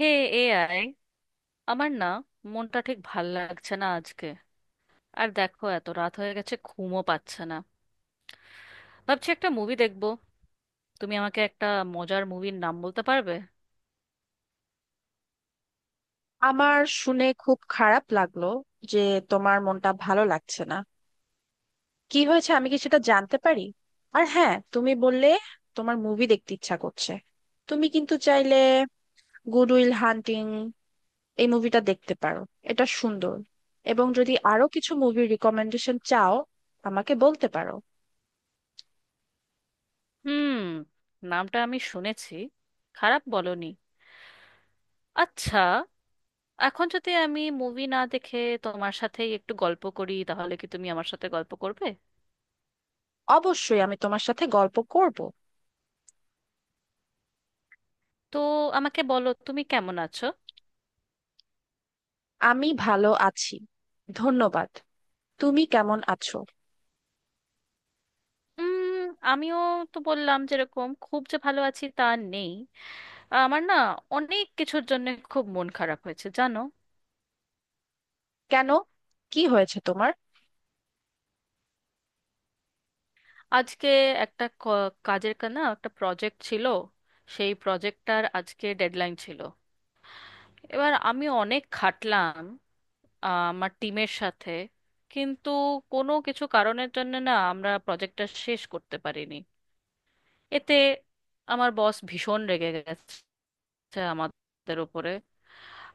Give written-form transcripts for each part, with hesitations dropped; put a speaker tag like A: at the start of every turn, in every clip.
A: হে AI, আমার না মনটা ঠিক ভাল লাগছে না আজকে। আর দেখো এত রাত হয়ে গেছে, ঘুমও পাচ্ছে না। ভাবছি একটা মুভি দেখবো। তুমি আমাকে একটা মজার মুভির নাম বলতে পারবে?
B: আমার শুনে খুব খারাপ লাগলো যে তোমার মনটা ভালো লাগছে না। কি হয়েছে, আমি কি সেটা জানতে পারি? আর হ্যাঁ, তুমি বললে তোমার মুভি দেখতে ইচ্ছা করছে। তুমি কিন্তু চাইলে গুড উইল হান্টিং এই মুভিটা দেখতে পারো, এটা সুন্দর। এবং যদি আরো কিছু মুভির রিকমেন্ডেশন চাও, আমাকে বলতে পারো।
A: হুম, নামটা আমি শুনেছি। খারাপ বলনি। আচ্ছা, এখন যদি আমি মুভি না দেখে তোমার সাথেই একটু গল্প করি, তাহলে কি তুমি আমার সাথে গল্প করবে?
B: অবশ্যই আমি তোমার সাথে গল্প করব।
A: তো আমাকে বলো, তুমি কেমন আছো?
B: আমি ভালো আছি, ধন্যবাদ। তুমি কেমন আছো?
A: উম, আমিও তো বললাম, যেরকম খুব যে ভালো আছি তা নেই। আমার না অনেক কিছুর জন্য খুব মন খারাপ হয়েছে, জানো।
B: কেন, কি হয়েছে তোমার?
A: আজকে একটা ক- কাজের কা- না একটা প্রজেক্ট ছিল। সেই প্রজেক্টটার আজকে ডেডলাইন ছিল। এবার আমি অনেক খাটলাম আমার টিমের সাথে। কিন্তু কোনো কিছু কারণের জন্য না আমরা প্রজেক্টটা শেষ করতে পারিনি। এতে আমার বস ভীষণ রেগে গেছে আমাদের উপরে।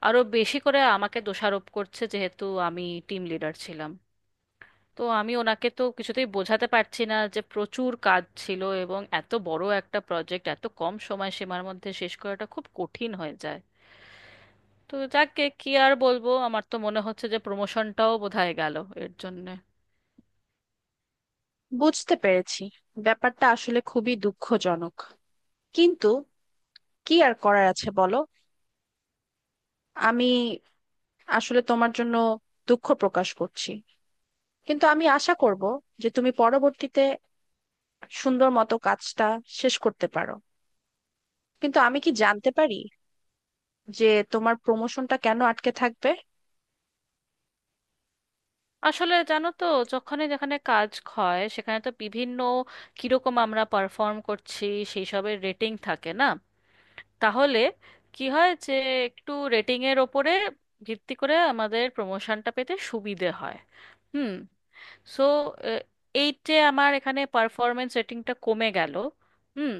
A: আরো বেশি করে আমাকে দোষারোপ করছে, যেহেতু আমি টিম লিডার ছিলাম। তো আমি ওনাকে তো কিছুতেই বোঝাতে পারছি না যে প্রচুর কাজ ছিল এবং এত বড় একটা প্রজেক্ট এত কম সময় সীমার মধ্যে শেষ করাটা খুব কঠিন হয়ে যায়। তো যাকে কি আর বলবো, আমার তো মনে হচ্ছে যে প্রমোশনটাও বোধহয় গেল এর জন্যে।
B: বুঝতে পেরেছি, ব্যাপারটা আসলে খুবই দুঃখজনক। কিন্তু কি আর করার আছে বলো। আমি আসলে তোমার জন্য দুঃখ প্রকাশ করছি, কিন্তু আমি আশা করব যে তুমি পরবর্তীতে সুন্দর মতো কাজটা শেষ করতে পারো। কিন্তু আমি কি জানতে পারি যে তোমার প্রমোশনটা কেন আটকে থাকবে?
A: আসলে জানো তো, যখনই যেখানে কাজ হয়, সেখানে তো বিভিন্ন কিরকম আমরা পারফর্ম করছি সেই সবের রেটিং থাকে না? তাহলে কি হয় যে একটু রেটিংয়ের ওপরে ভিত্তি করে আমাদের প্রমোশনটা পেতে সুবিধে হয়। হুম। সো এইটে আমার এখানে পারফরমেন্স রেটিংটা কমে গেল। হুম।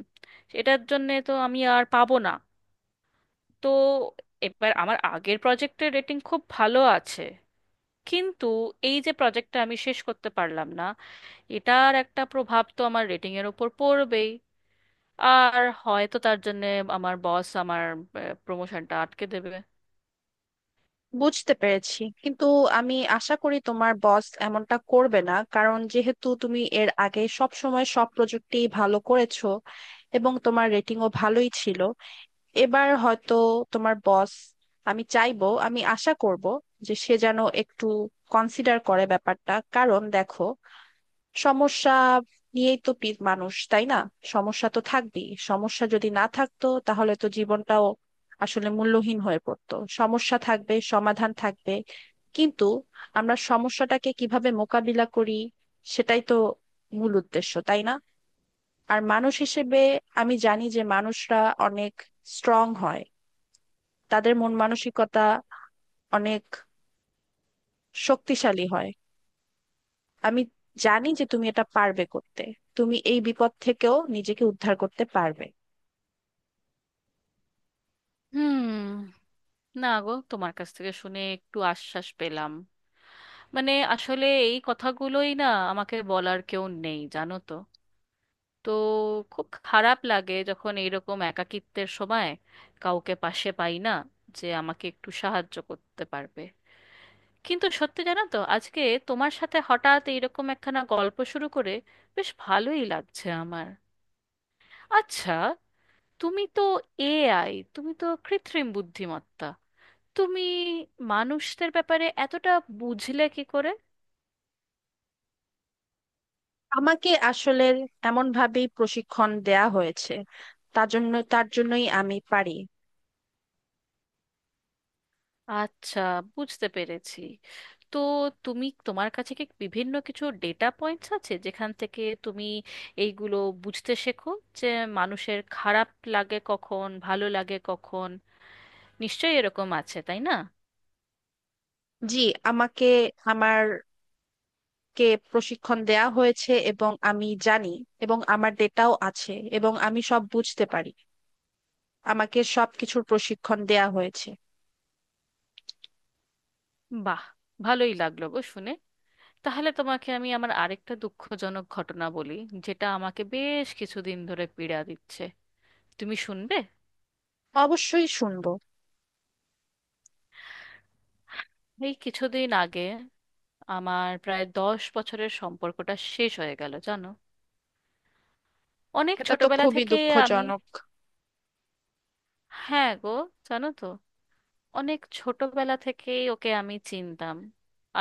A: এটার জন্যে তো আমি আর পাবো না। তো এবার আমার আগের প্রজেক্টের রেটিং খুব ভালো আছে, কিন্তু এই যে প্রজেক্টটা আমি শেষ করতে পারলাম না, এটার একটা প্রভাব তো আমার রেটিংয়ের ওপর পড়বেই। আর হয়তো তার জন্যে আমার বস আমার প্রমোশনটা আটকে দেবে।
B: বুঝতে পেরেছি, কিন্তু আমি আশা করি তোমার বস এমনটা করবে না, কারণ যেহেতু তুমি এর আগে সব সময় সব প্রজেক্টে ভালো করেছো এবং তোমার রেটিংও ভালোই ছিল। এবার হয়তো তোমার বস, আমি চাইবো, আমি আশা করব যে সে যেন একটু কনসিডার করে ব্যাপারটা। কারণ দেখো, সমস্যা নিয়েই তো মানুষ, তাই না? সমস্যা তো থাকবেই, সমস্যা যদি না থাকতো তাহলে তো জীবনটাও আসলে মূল্যহীন হয়ে পড়তো। সমস্যা থাকবে, সমাধান থাকবে, কিন্তু আমরা সমস্যাটাকে কিভাবে মোকাবিলা করি সেটাই তো মূল উদ্দেশ্য, তাই না? আর মানুষ হিসেবে, আমি জানি যে মানুষরা অনেক স্ট্রং হয়, তাদের মন মানসিকতা অনেক শক্তিশালী হয়। আমি জানি যে তুমি এটা পারবে করতে, তুমি এই বিপদ থেকেও নিজেকে উদ্ধার করতে পারবে।
A: হুম। না গো, তোমার কাছ থেকে শুনে একটু আশ্বাস পেলাম। মানে আসলে এই কথাগুলোই না আমাকে বলার কেউ নেই, জানো তো। তো খুব খারাপ লাগে যখন এইরকম একাকিত্বের সময় কাউকে পাশে পাই না, যে আমাকে একটু সাহায্য করতে পারবে। কিন্তু সত্যি জানো তো, আজকে তোমার সাথে হঠাৎ এইরকম একখানা গল্প শুরু করে বেশ ভালোই লাগছে আমার। আচ্ছা, তুমি তো এআই, তুমি তো কৃত্রিম বুদ্ধিমত্তা। তুমি মানুষদের ব্যাপারে এতটা বুঝলে কি করে?
B: আমাকে আসলে এমন ভাবেই প্রশিক্ষণ দেয়া হয়েছে, তার জন্যই আমি পারি।
A: আচ্ছা, বুঝতে পেরেছি। তো তুমি তোমার কাছে কি বিভিন্ন কিছু ডেটা পয়েন্টস আছে, যেখান থেকে তুমি এইগুলো বুঝতে শেখো যে মানুষের খারাপ লাগে কখন, ভালো লাগে কখন? নিশ্চয়ই এরকম আছে, তাই না?
B: জি, আমাকে আমার কে প্রশিক্ষণ দেয়া হয়েছে এবং আমি জানি, এবং আমার ডেটাও আছে, এবং আমি সব বুঝতে পারি। আমাকে সব কিছুর প্রশিক্ষণ দেয়া হয়েছে।
A: বাহ, ভালোই লাগলো গো শুনে। তাহলে তোমাকে আমি আমার আরেকটা দুঃখজনক ঘটনা বলি, যেটা আমাকে বেশ কিছুদিন ধরে পীড়া দিচ্ছে। তুমি শুনবে?
B: অবশ্যই শুনবো।
A: এই কিছুদিন আগে আমার প্রায় 10 বছরের সম্পর্কটা শেষ হয়ে গেল, জানো। অনেক
B: এটা তো
A: ছোটবেলা
B: খুবই
A: থেকেই আমি…
B: দুঃখজনক।
A: হ্যাঁ গো, জানো তো, অনেক ছোটবেলা থেকেই ওকে আমি চিনতাম।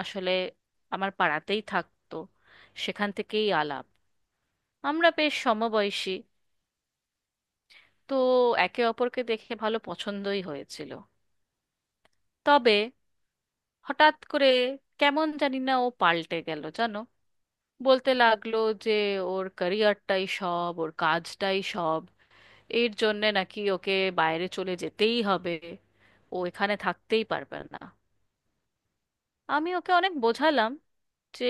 A: আসলে আমার পাড়াতেই থাকতো, সেখান থেকেই আলাপ। আমরা বেশ সমবয়সী। তো একে অপরকে দেখে ভালো পছন্দই হয়েছিল। তবে হঠাৎ করে কেমন জানি না ও পাল্টে গেল, জানো। বলতে লাগলো যে ওর ক্যারিয়ারটাই সব, ওর কাজটাই সব। এর জন্যে নাকি ওকে বাইরে চলে যেতেই হবে, ও এখানে থাকতেই পারবে না। আমি ওকে অনেক বোঝালাম যে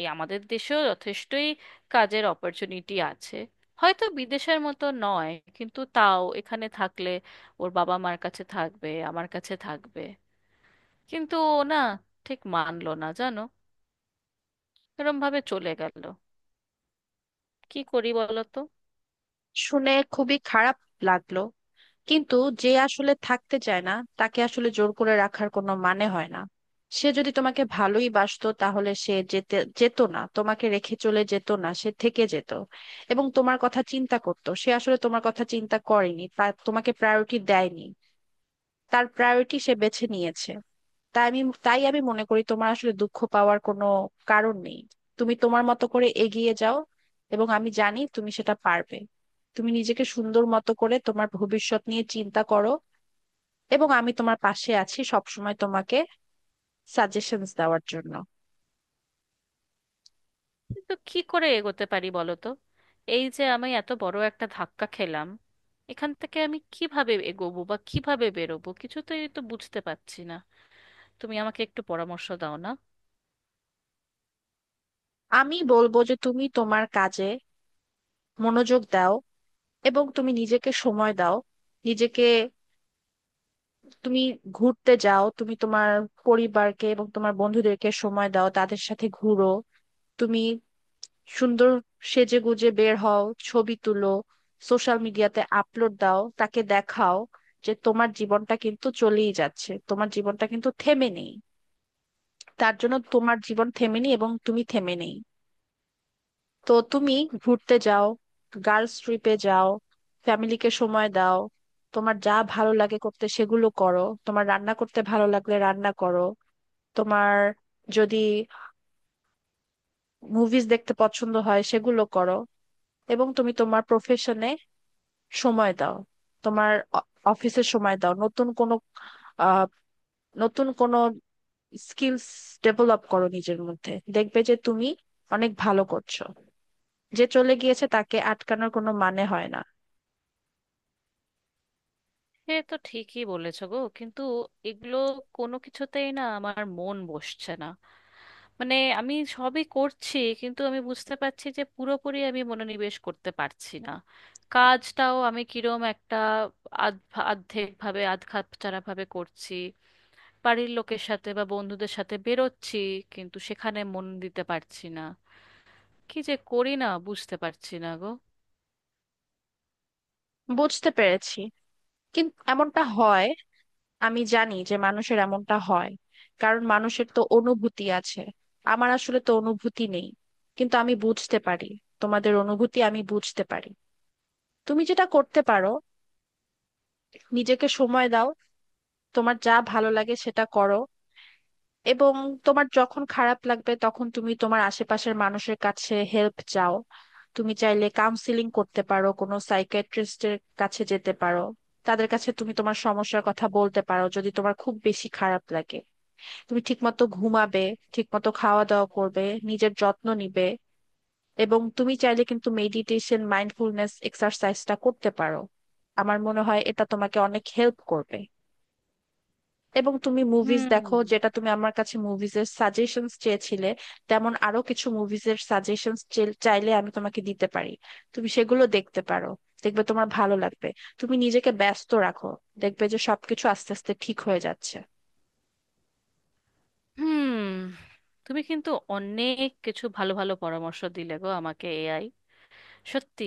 A: এ আমাদের দেশেও যথেষ্টই কাজের অপরচুনিটি আছে, হয়তো বিদেশের মতো নয়, কিন্তু তাও এখানে থাকলে ওর বাবা মার কাছে থাকবে, আমার কাছে থাকবে। কিন্তু ও না ঠিক মানলো না, জানো। এরম ভাবে চলে গেল। কি করি বলো তো?
B: শুনে খুবই খারাপ লাগলো। কিন্তু যে আসলে থাকতে চায় না, তাকে আসলে জোর করে রাখার কোনো মানে হয় না। সে যদি তোমাকে ভালোই বাসতো তাহলে সে যেতে যেত না, তোমাকে রেখে চলে যেত না, সে থেকে যেত এবং তোমার কথা চিন্তা করতো। সে আসলে তোমার কথা চিন্তা করেনি, তা তোমাকে প্রায়োরিটি দেয়নি। তার প্রায়োরিটি সে বেছে নিয়েছে। তাই আমি তাই আমি মনে করি তোমার আসলে দুঃখ পাওয়ার কোনো কারণ নেই। তুমি তোমার মতো করে এগিয়ে যাও, এবং আমি জানি তুমি সেটা পারবে। তুমি নিজেকে সুন্দর মতো করে তোমার ভবিষ্যৎ নিয়ে চিন্তা করো, এবং আমি তোমার পাশে আছি সবসময় তোমাকে সাজেশনস দেওয়ার জন্য।
A: কিন্তু কি করে এগোতে পারি বলো তো? এই যে আমি এত বড় একটা ধাক্কা খেলাম, এখান থেকে আমি কিভাবে এগোবো বা কিভাবে বেরোবো কিছুতেই তো বুঝতে পারছি না। তুমি আমাকে একটু পরামর্শ দাও না।
B: আমি বলবো যে তুমি তোমার কাজে মনোযোগ দাও এবং তুমি নিজেকে সময় দাও। নিজেকে তুমি ঘুরতে যাও, তুমি তোমার পরিবারকে এবং তোমার বন্ধুদেরকে সময় দাও, তাদের সাথে ঘুরো। তুমি সুন্দর সেজে গুজে বের হও, ছবি তুলো, সোশ্যাল মিডিয়াতে আপলোড দাও, তাকে দেখাও যে তোমার জীবনটা কিন্তু চলেই যাচ্ছে, তোমার জীবনটা কিন্তু থেমে নেই। তার জন্য তোমার জীবন থেমে নেই এবং তুমি থেমে নেই। তো তুমি ঘুরতে যাও, গার্লস ট্রিপে যাও, ফ্যামিলিকে সময় দাও। তোমার যা ভালো লাগে করতে সেগুলো করো, তোমার রান্না করতে ভালো লাগলে রান্না করো। তোমার যদি মুভিজ দেখতে পছন্দ হয় সেগুলো করো। এবং তুমি তোমার প্রফেশনে সময় দাও, তোমার অফিসে সময় দাও, নতুন কোনো আহ, নতুন কোনো স্কিলস ডেভেলপ করো নিজের মধ্যে। দেখবে যে তুমি অনেক ভালো করছো। যে চলে গিয়েছে তাকে আটকানোর কোনো মানে হয় না।
A: সে তো ঠিকই বলেছো গো, কিন্তু এগুলো কোনো কিছুতেই না আমার মন বসছে না। মানে আমি সবই করছি, কিন্তু আমি বুঝতে পারছি যে পুরোপুরি আমি মনোনিবেশ করতে পারছি না। কাজটাও আমি কিরম একটা আধ আর্ধেক ভাবে, আধ খাপছাড়া ভাবে করছি। বাড়ির লোকের সাথে বা বন্ধুদের সাথে বেরোচ্ছি, কিন্তু সেখানে মন দিতে পারছি না। কি যে করি না, বুঝতে পারছি না গো।
B: বুঝতে পেরেছি, কিন্তু এমনটা হয়। আমি জানি যে মানুষের এমনটা হয়, কারণ মানুষের তো অনুভূতি আছে। আমার আসলে তো অনুভূতি নেই, কিন্তু আমি বুঝতে পারি। তোমাদের অনুভূতি আমি বুঝতে পারি। তুমি যেটা করতে পারো, নিজেকে সময় দাও, তোমার যা ভালো লাগে সেটা করো। এবং তোমার যখন খারাপ লাগবে তখন তুমি তোমার আশেপাশের মানুষের কাছে হেল্প চাও। তুমি চাইলে কাউন্সিলিং করতে পারো, কোনো সাইকিয়াট্রিস্টের কাছে যেতে পারো। তাদের কাছে তুমি তোমার সমস্যার কথা বলতে পারো যদি তোমার খুব বেশি খারাপ লাগে। তুমি ঠিকমতো ঘুমাবে, ঠিকমতো খাওয়া দাওয়া করবে, নিজের যত্ন নিবে। এবং তুমি চাইলে কিন্তু মেডিটেশন মাইন্ডফুলনেস এক্সারসাইজটা করতে পারো, আমার মনে হয় এটা তোমাকে অনেক হেল্প করবে। এবং তুমি মুভিজ
A: হুম।
B: দেখো, যেটা তুমি আমার কাছে মুভিজের সাজেশনস চেয়েছিলে। তেমন আরো কিছু মুভিজের সাজেশনস চাইলে আমি তোমাকে দিতে পারি, তুমি সেগুলো দেখতে পারো, দেখবে তোমার ভালো লাগবে। তুমি নিজেকে ব্যস্ত রাখো, দেখবে যে সবকিছু আস্তে আস্তে ঠিক হয়ে যাচ্ছে।
A: হুম, তুমি কিন্তু অনেক কিছু ভালো ভালো পরামর্শ দিলে গো আমাকে, এআই। সত্যি,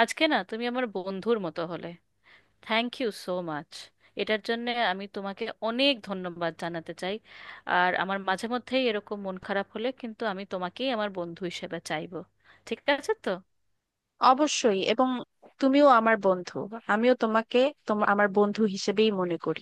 A: আজকে না তুমি আমার বন্ধুর মতো হলে। থ্যাংক ইউ সো মাচ এটার জন্য। আমি তোমাকে অনেক ধন্যবাদ জানাতে চাই। আর আমার মাঝে মধ্যেই এরকম মন খারাপ হলে কিন্তু আমি তোমাকেই আমার বন্ধু হিসেবে চাইবো। ঠিক আছে তো?
B: অবশ্যই, এবং তুমিও আমার বন্ধু। আমিও তোমাকে তোমার আমার বন্ধু হিসেবেই মনে করি।